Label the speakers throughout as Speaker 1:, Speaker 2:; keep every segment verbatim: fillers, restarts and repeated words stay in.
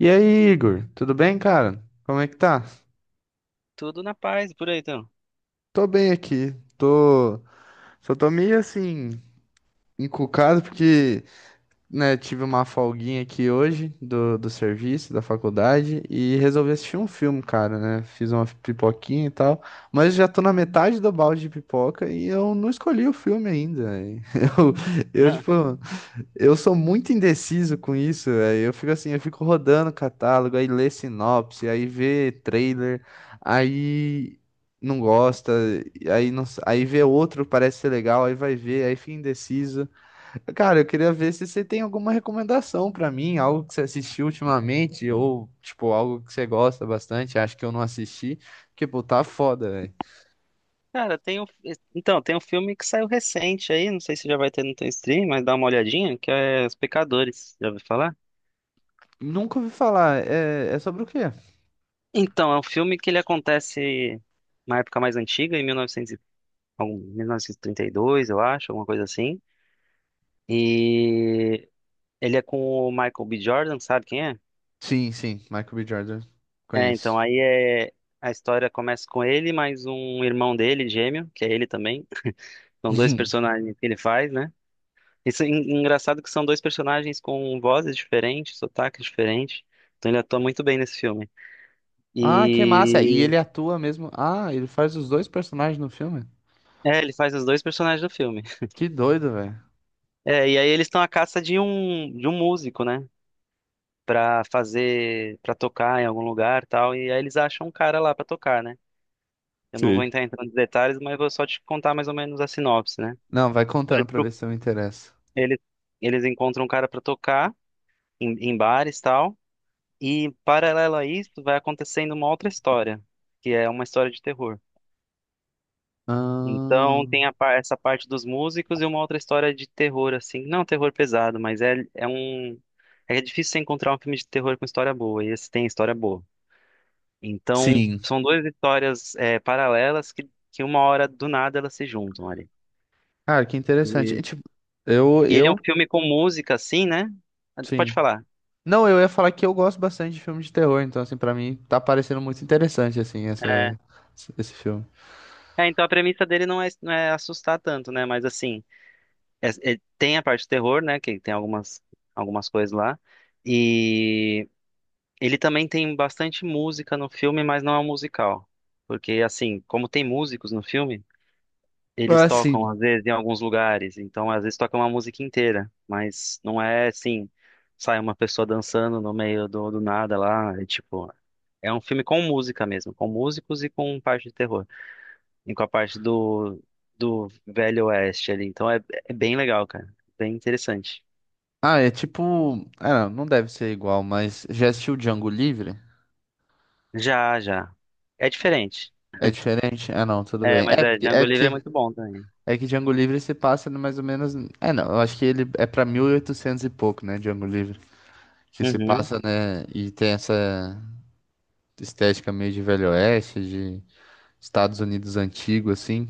Speaker 1: E aí, Igor, tudo bem, cara? Como é que tá?
Speaker 2: Tudo na paz, por aí então.
Speaker 1: Tô bem aqui. Tô, só tô meio assim encucado porque, né, tive uma folguinha aqui hoje do, do serviço, da faculdade e resolvi assistir um filme, cara, né? Fiz uma pipoquinha e tal, mas já tô na metade do balde de pipoca e eu não escolhi o filme ainda. Eu, eu
Speaker 2: Não.
Speaker 1: tipo, Eu sou muito indeciso com isso, velho. Eu fico assim, eu fico rodando o catálogo, aí lê sinopse, aí vê trailer, aí não gosta, aí não, s- aí vê outro, parece ser legal, aí vai ver, aí fica indeciso. Cara, eu queria ver se você tem alguma recomendação pra mim, algo que você assistiu ultimamente, ou tipo, algo que você gosta bastante, acho que eu não assisti, porque, pô, tá foda, velho.
Speaker 2: Cara, tem um, então, tem um filme que saiu recente aí, não sei se já vai ter no teu stream, mas dá uma olhadinha, que é Os Pecadores, já ouviu falar?
Speaker 1: Nunca ouvi falar, é, é sobre o quê?
Speaker 2: Então, é um filme que ele acontece na época mais antiga, em mil e novecentos, e- novecentos, e- algum- mil novecentos e trinta e dois, eu acho, alguma coisa assim. E ele é com o Michael B. Jordan, sabe quem é?
Speaker 1: Sim, sim, Michael B. Jordan,
Speaker 2: É,
Speaker 1: conheço.
Speaker 2: então, aí é, a história começa com ele, mais um irmão dele, gêmeo, que é ele também. São dois personagens que ele faz, né? Isso é en- engraçado que são dois personagens com vozes diferentes, sotaques diferentes. Então ele atua muito bem nesse filme.
Speaker 1: Ah, que massa. E
Speaker 2: E
Speaker 1: ele atua mesmo. Ah, ele faz os dois personagens no filme?
Speaker 2: é, ele faz os dois personagens do filme.
Speaker 1: Que doido, velho.
Speaker 2: É, e aí eles estão à caça de um de um músico, né? Pra fazer, pra tocar em algum lugar, e tal, e aí eles acham um cara lá pra tocar, né? Eu não vou
Speaker 1: Sei.
Speaker 2: entrar em tantos detalhes, mas vou só te contar mais ou menos a sinopse, né?
Speaker 1: Não, vai contando
Speaker 2: Eles,
Speaker 1: pra ver se eu me interesso.
Speaker 2: eles eles encontram um cara pra tocar em, em bares, tal. E paralelo a isso, vai acontecendo uma outra história, que é uma história de terror.
Speaker 1: Ah,
Speaker 2: Então tem a par- essa parte dos músicos e uma outra história de terror, assim, não terror pesado, mas é, é um é difícil você encontrar um filme de terror com história boa, e esse tem história boa. Então
Speaker 1: sim.
Speaker 2: são duas histórias é, paralelas que, que uma hora do nada elas se juntam ali.
Speaker 1: Cara, que interessante. E,
Speaker 2: E,
Speaker 1: tipo, eu,
Speaker 2: e ele é um
Speaker 1: eu,
Speaker 2: filme com música, assim, né? Ah, tu pode
Speaker 1: sim.
Speaker 2: falar.
Speaker 1: Não, eu ia falar que eu gosto bastante de filme de terror, então, assim, pra mim tá parecendo muito interessante, assim,
Speaker 2: É,
Speaker 1: essa, esse filme.
Speaker 2: é, então a premissa dele não é, não é assustar tanto, né? Mas assim. é- é- tem a parte do terror, né? Que tem algumas, algumas coisas lá. E ele também tem bastante música no filme, mas não é um musical. Porque, assim, como tem músicos no filme, eles
Speaker 1: Ah,
Speaker 2: tocam,
Speaker 1: sim.
Speaker 2: às vezes, em alguns lugares. Então, às vezes, tocam uma música inteira. Mas não é assim, sai uma pessoa dançando no meio do, do nada lá. É tipo. É um filme com música mesmo, com músicos e com parte de terror. E com a parte do, do Velho Oeste ali. Então é, é bem legal, cara. Bem interessante.
Speaker 1: Ah, é tipo. Ah, não, não deve ser igual, mas já assistiu Django Livre?
Speaker 2: Já, já. É diferente.
Speaker 1: É diferente? Ah, não, tudo
Speaker 2: É,
Speaker 1: bem.
Speaker 2: mas
Speaker 1: É
Speaker 2: é,
Speaker 1: porque, é
Speaker 2: Django Livre é
Speaker 1: porque
Speaker 2: muito bom também.
Speaker 1: É que Django Livre se passa no mais ou menos. É, não, eu acho que ele é pra mil e oitocentos e oitocentos e pouco, né? Django Livre. Que se
Speaker 2: Uhum.
Speaker 1: passa, né? E tem essa estética meio de Velho Oeste, de Estados Unidos antigo, assim.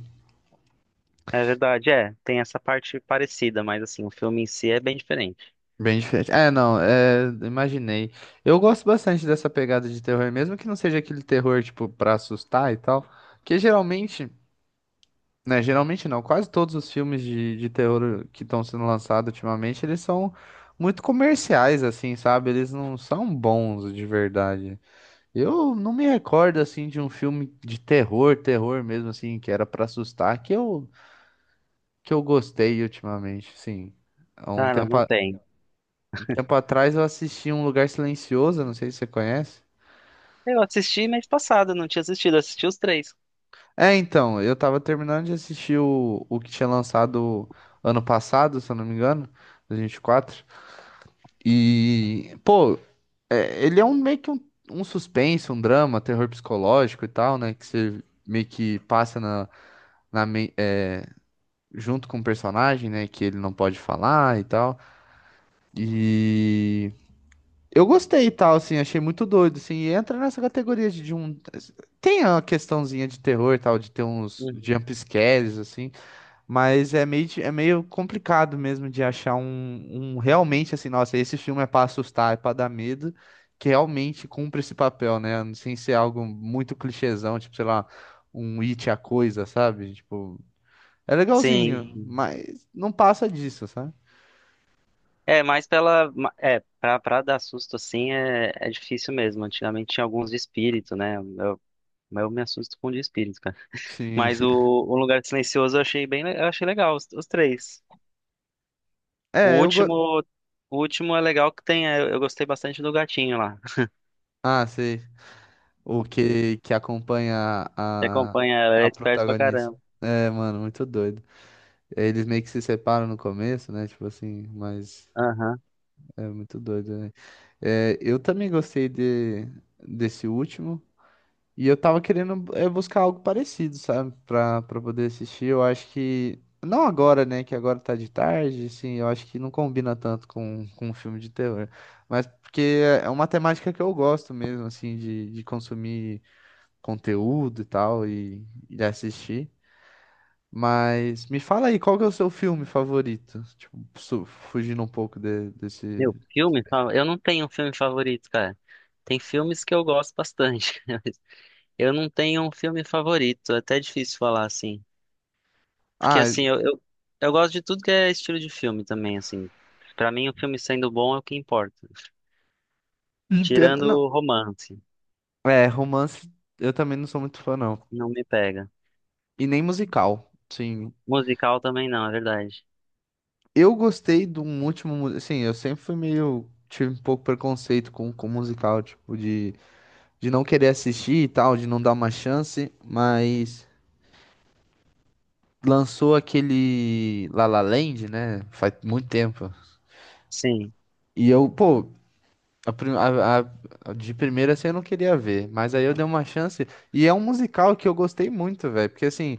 Speaker 2: É verdade, é. Tem essa parte parecida, mas assim, o filme em si é bem diferente.
Speaker 1: Bem diferente. É, não, é, imaginei. Eu gosto bastante dessa pegada de terror, mesmo que não seja aquele terror, tipo, pra assustar e tal. Porque geralmente. Né, geralmente não. Quase todos os filmes de, de terror que estão sendo lançados ultimamente, eles são muito comerciais, assim, sabe? Eles não são bons de verdade. Eu não me recordo, assim, de um filme de terror, terror mesmo, assim, que era pra assustar, que eu, que eu gostei ultimamente, sim. Há um
Speaker 2: Cara,
Speaker 1: tempo,
Speaker 2: não
Speaker 1: a-
Speaker 2: tem.
Speaker 1: um tempo atrás eu assisti Um Lugar Silencioso, não sei se você conhece.
Speaker 2: Eu assisti mês passado, não tinha assistido, eu assisti os três.
Speaker 1: É, então, eu tava terminando de assistir o, o que tinha lançado ano passado, se eu não me engano, dois mil e vinte e quatro. E, pô, é, ele é um meio que um, um suspense, um drama, terror psicológico e tal, né? Que você meio que passa na, na me- é, junto com o personagem, né? Que ele não pode falar e tal. E eu gostei e tal, assim, achei muito doido, assim. E entra nessa categoria de, de um. Tem a questãozinha de terror e tal, de ter uns
Speaker 2: Uhum.
Speaker 1: jump scares, assim. Mas é meio, di- é meio complicado mesmo de achar um, um realmente assim, nossa, esse filme é pra assustar, é pra dar medo, que realmente cumpre esse papel, né? Sem ser algo muito clichêzão, tipo, sei lá, um It a coisa, sabe? Tipo, é
Speaker 2: Sim.
Speaker 1: legalzinho, sim, mas não passa disso, sabe?
Speaker 2: É, mas pela. ma- É, pra, pra dar susto assim é, é difícil mesmo. Antigamente tinha alguns de espírito, né? Eu, eu me assusto com de espírito, cara.
Speaker 1: Sim.
Speaker 2: Mas o, o Lugar Silencioso eu achei bem, le- eu achei legal, os, os três. O
Speaker 1: É, eu go...
Speaker 2: último, o último é legal que tem. É, Eu gostei bastante do gatinho lá.
Speaker 1: Ah, sei. O que, que acompanha
Speaker 2: Você
Speaker 1: a,
Speaker 2: acompanha ela, ela é
Speaker 1: a
Speaker 2: esperto pra
Speaker 1: protagonista.
Speaker 2: caramba.
Speaker 1: É, mano, muito doido. Eles meio que se separam no começo, né? Tipo assim, mas.
Speaker 2: Aham.
Speaker 1: É muito doido, né? É, eu também gostei de, desse último. E eu tava querendo é, buscar algo parecido, sabe? Pra, pra poder assistir. Eu acho que. Não agora, né? Que agora tá de tarde, assim. Eu acho que não combina tanto com, com um filme de terror. Mas porque é é uma temática que eu gosto mesmo, assim, de, de consumir conteúdo e tal, e, e de assistir. Mas me fala aí, qual que é o seu filme favorito? Tipo, su- fugindo um pouco de- desse.
Speaker 2: Meu, filme? fa- Eu não tenho um filme favorito, cara. Tem filmes que eu gosto bastante. Mas eu não tenho um filme favorito. É até difícil falar assim. Porque
Speaker 1: Ah,
Speaker 2: assim, eu, eu, eu gosto de tudo que é estilo de filme também, assim. Pra mim, o filme sendo bom é o que importa.
Speaker 1: entendo.
Speaker 2: Tirando
Speaker 1: Não.
Speaker 2: o romance,
Speaker 1: É, romance eu também não sou muito fã, não.
Speaker 2: não me pega.
Speaker 1: E nem musical, sim.
Speaker 2: Musical também não, é verdade.
Speaker 1: Eu gostei de um último. mu- Assim, eu sempre fui meio. Tive um pouco preconceito com, com musical, tipo, de, de não querer assistir e tal, de não dar uma chance, mas lançou aquele La La Land, né? Faz muito tempo.
Speaker 2: Sim.
Speaker 1: E eu, pô, A, prim- a- a- a de primeira assim eu não queria ver, mas aí eu dei uma chance e é um musical que eu gostei muito, velho, porque assim,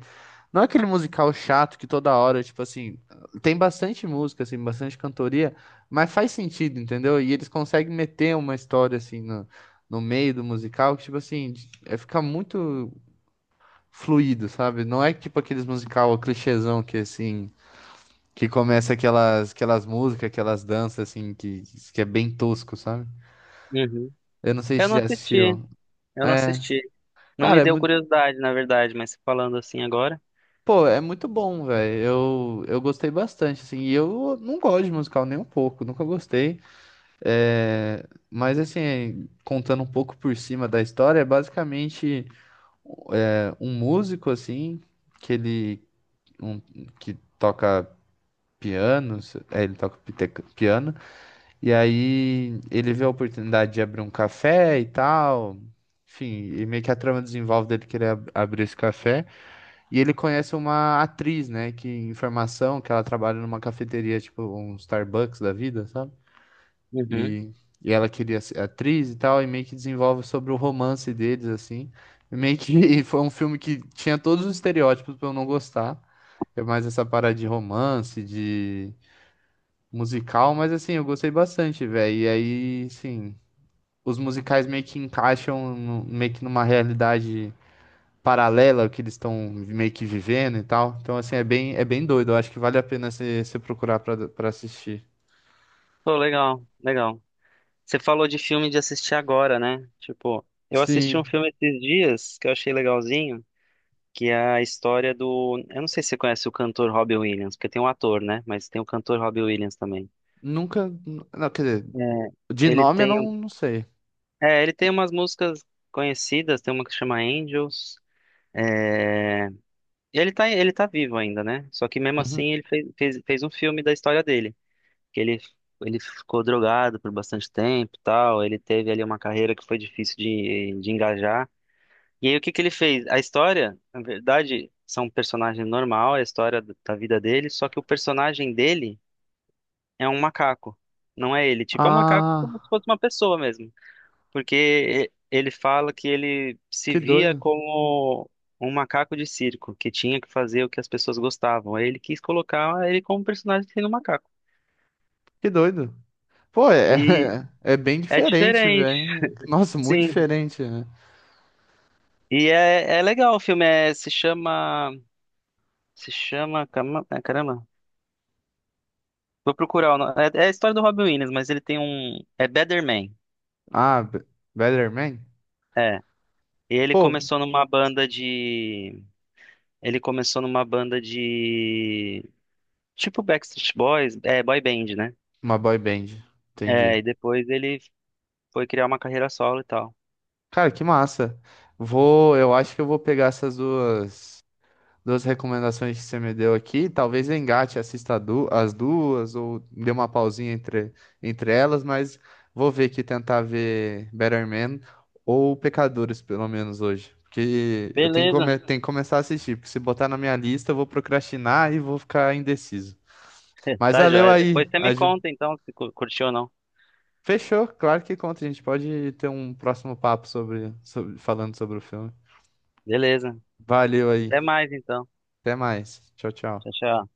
Speaker 1: não é aquele musical chato que toda hora, tipo assim, tem bastante música assim, bastante cantoria, mas faz sentido, entendeu? E eles conseguem meter uma história assim no, no meio do musical que tipo assim, de- é ficar muito fluido, sabe? Não é tipo aqueles musical clichêzão que assim, que começa aquelas aquelas músicas, aquelas danças assim que que é bem tosco, sabe?
Speaker 2: Uhum.
Speaker 1: Eu não sei
Speaker 2: Eu
Speaker 1: se
Speaker 2: não
Speaker 1: já
Speaker 2: assisti.
Speaker 1: assistiu.
Speaker 2: Eu não
Speaker 1: É,
Speaker 2: assisti. Não me
Speaker 1: cara, é
Speaker 2: deu
Speaker 1: muito,
Speaker 2: curiosidade, na verdade, mas falando assim agora.
Speaker 1: pô, é muito bom, velho. Eu, eu gostei bastante, assim. E eu não gosto de musical nem um pouco, nunca gostei. É, mas assim, contando um pouco por cima da história, é basicamente é, um músico assim que ele um, que toca piano, se- é, ele toca pite- piano. E aí ele vê a oportunidade de abrir um café e tal. Enfim, e meio que a trama desenvolve dele querer ab- abrir esse café. E ele conhece uma atriz, né, que em formação, que ela trabalha numa cafeteria, tipo um Starbucks da vida, sabe?
Speaker 2: Uhum.
Speaker 1: E, e ela queria ser atriz e tal, e meio que desenvolve sobre o romance deles, assim. E meio que foi um filme que tinha todos os estereótipos pra eu não gostar. É mais essa parada de romance, de musical, mas assim, eu gostei bastante, velho. E aí, sim, os musicais meio que encaixam no- meio que numa realidade paralela que eles estão meio que vivendo e tal. Então, assim, é bem, é bem doido. Eu acho que vale a pena você você procurar pra pra assistir.
Speaker 2: Pô, legal, legal. Você falou de filme de assistir agora, né? Tipo, eu assisti um
Speaker 1: Sim,
Speaker 2: filme esses dias que eu achei legalzinho, que é a história do. Eu não sei se você conhece o cantor Robbie Williams, porque tem um ator, né? Mas tem o cantor Robbie Williams também.
Speaker 1: nunca. Não, quer dizer,
Speaker 2: É,
Speaker 1: de
Speaker 2: ele
Speaker 1: nome eu
Speaker 2: tem.
Speaker 1: não, não sei.
Speaker 2: É, ele tem umas músicas conhecidas, tem uma que chama Angels. É... e ele tá, ele tá vivo ainda, né? Só que mesmo
Speaker 1: Uhum.
Speaker 2: assim ele fez, fez, fez um filme da história dele. Que ele, ele ficou drogado por bastante tempo e tal. Ele teve ali uma carreira que foi difícil de, de engajar. E aí, o que que ele fez? A história, na verdade, são um personagem normal, é a história do- da vida dele, só que o personagem dele é um macaco, não é ele. Tipo, é um macaco como se
Speaker 1: Ah,
Speaker 2: fosse uma pessoa mesmo. Porque e- ele fala que ele se
Speaker 1: que
Speaker 2: via
Speaker 1: doido,
Speaker 2: como um macaco de circo, que tinha que fazer o que as pessoas gostavam. Aí ele quis colocar ele como personagem sendo um macaco.
Speaker 1: que doido. Pô, é,
Speaker 2: E
Speaker 1: é bem
Speaker 2: é
Speaker 1: diferente,
Speaker 2: diferente.
Speaker 1: velho. Nossa, muito
Speaker 2: Sim.
Speaker 1: diferente, né?
Speaker 2: E é, é legal o filme, é, se chama. Se chama. cama- é, Caramba. Vou procurar o nome. É, é a história do Robin Williams, mas ele tem um. É Better Man.
Speaker 1: Ah, Be- Better Man?
Speaker 2: É. E ele
Speaker 1: Pô,
Speaker 2: começou numa banda de. Ele começou numa banda de. Tipo Backstreet Boys, é, boy band, né?
Speaker 1: uma boy band, entendi.
Speaker 2: É, e depois ele foi criar uma carreira solo e tal.
Speaker 1: Cara, que massa. Vou, eu acho que eu vou pegar essas duas. Duas recomendações que você me deu aqui. Talvez eu engate, assista a du- as duas, ou dê uma pausinha entre, entre elas, mas vou ver aqui, tentar ver Better Man ou Pecadores, pelo menos hoje. Porque eu tenho que,
Speaker 2: Beleza.
Speaker 1: come- tenho que começar a assistir, porque se botar na minha lista, eu vou procrastinar e vou ficar indeciso. Mas
Speaker 2: Tá
Speaker 1: valeu
Speaker 2: joia.
Speaker 1: aí.
Speaker 2: Depois você me
Speaker 1: Aju-
Speaker 2: conta então se cu- curtiu ou não.
Speaker 1: Fechou, claro que conta. A gente pode ter um próximo papo sobre, sobre- falando sobre o filme.
Speaker 2: Beleza.
Speaker 1: Valeu aí.
Speaker 2: Até mais então.
Speaker 1: Até mais. Tchau,
Speaker 2: Tchau,
Speaker 1: tchau.
Speaker 2: tchau.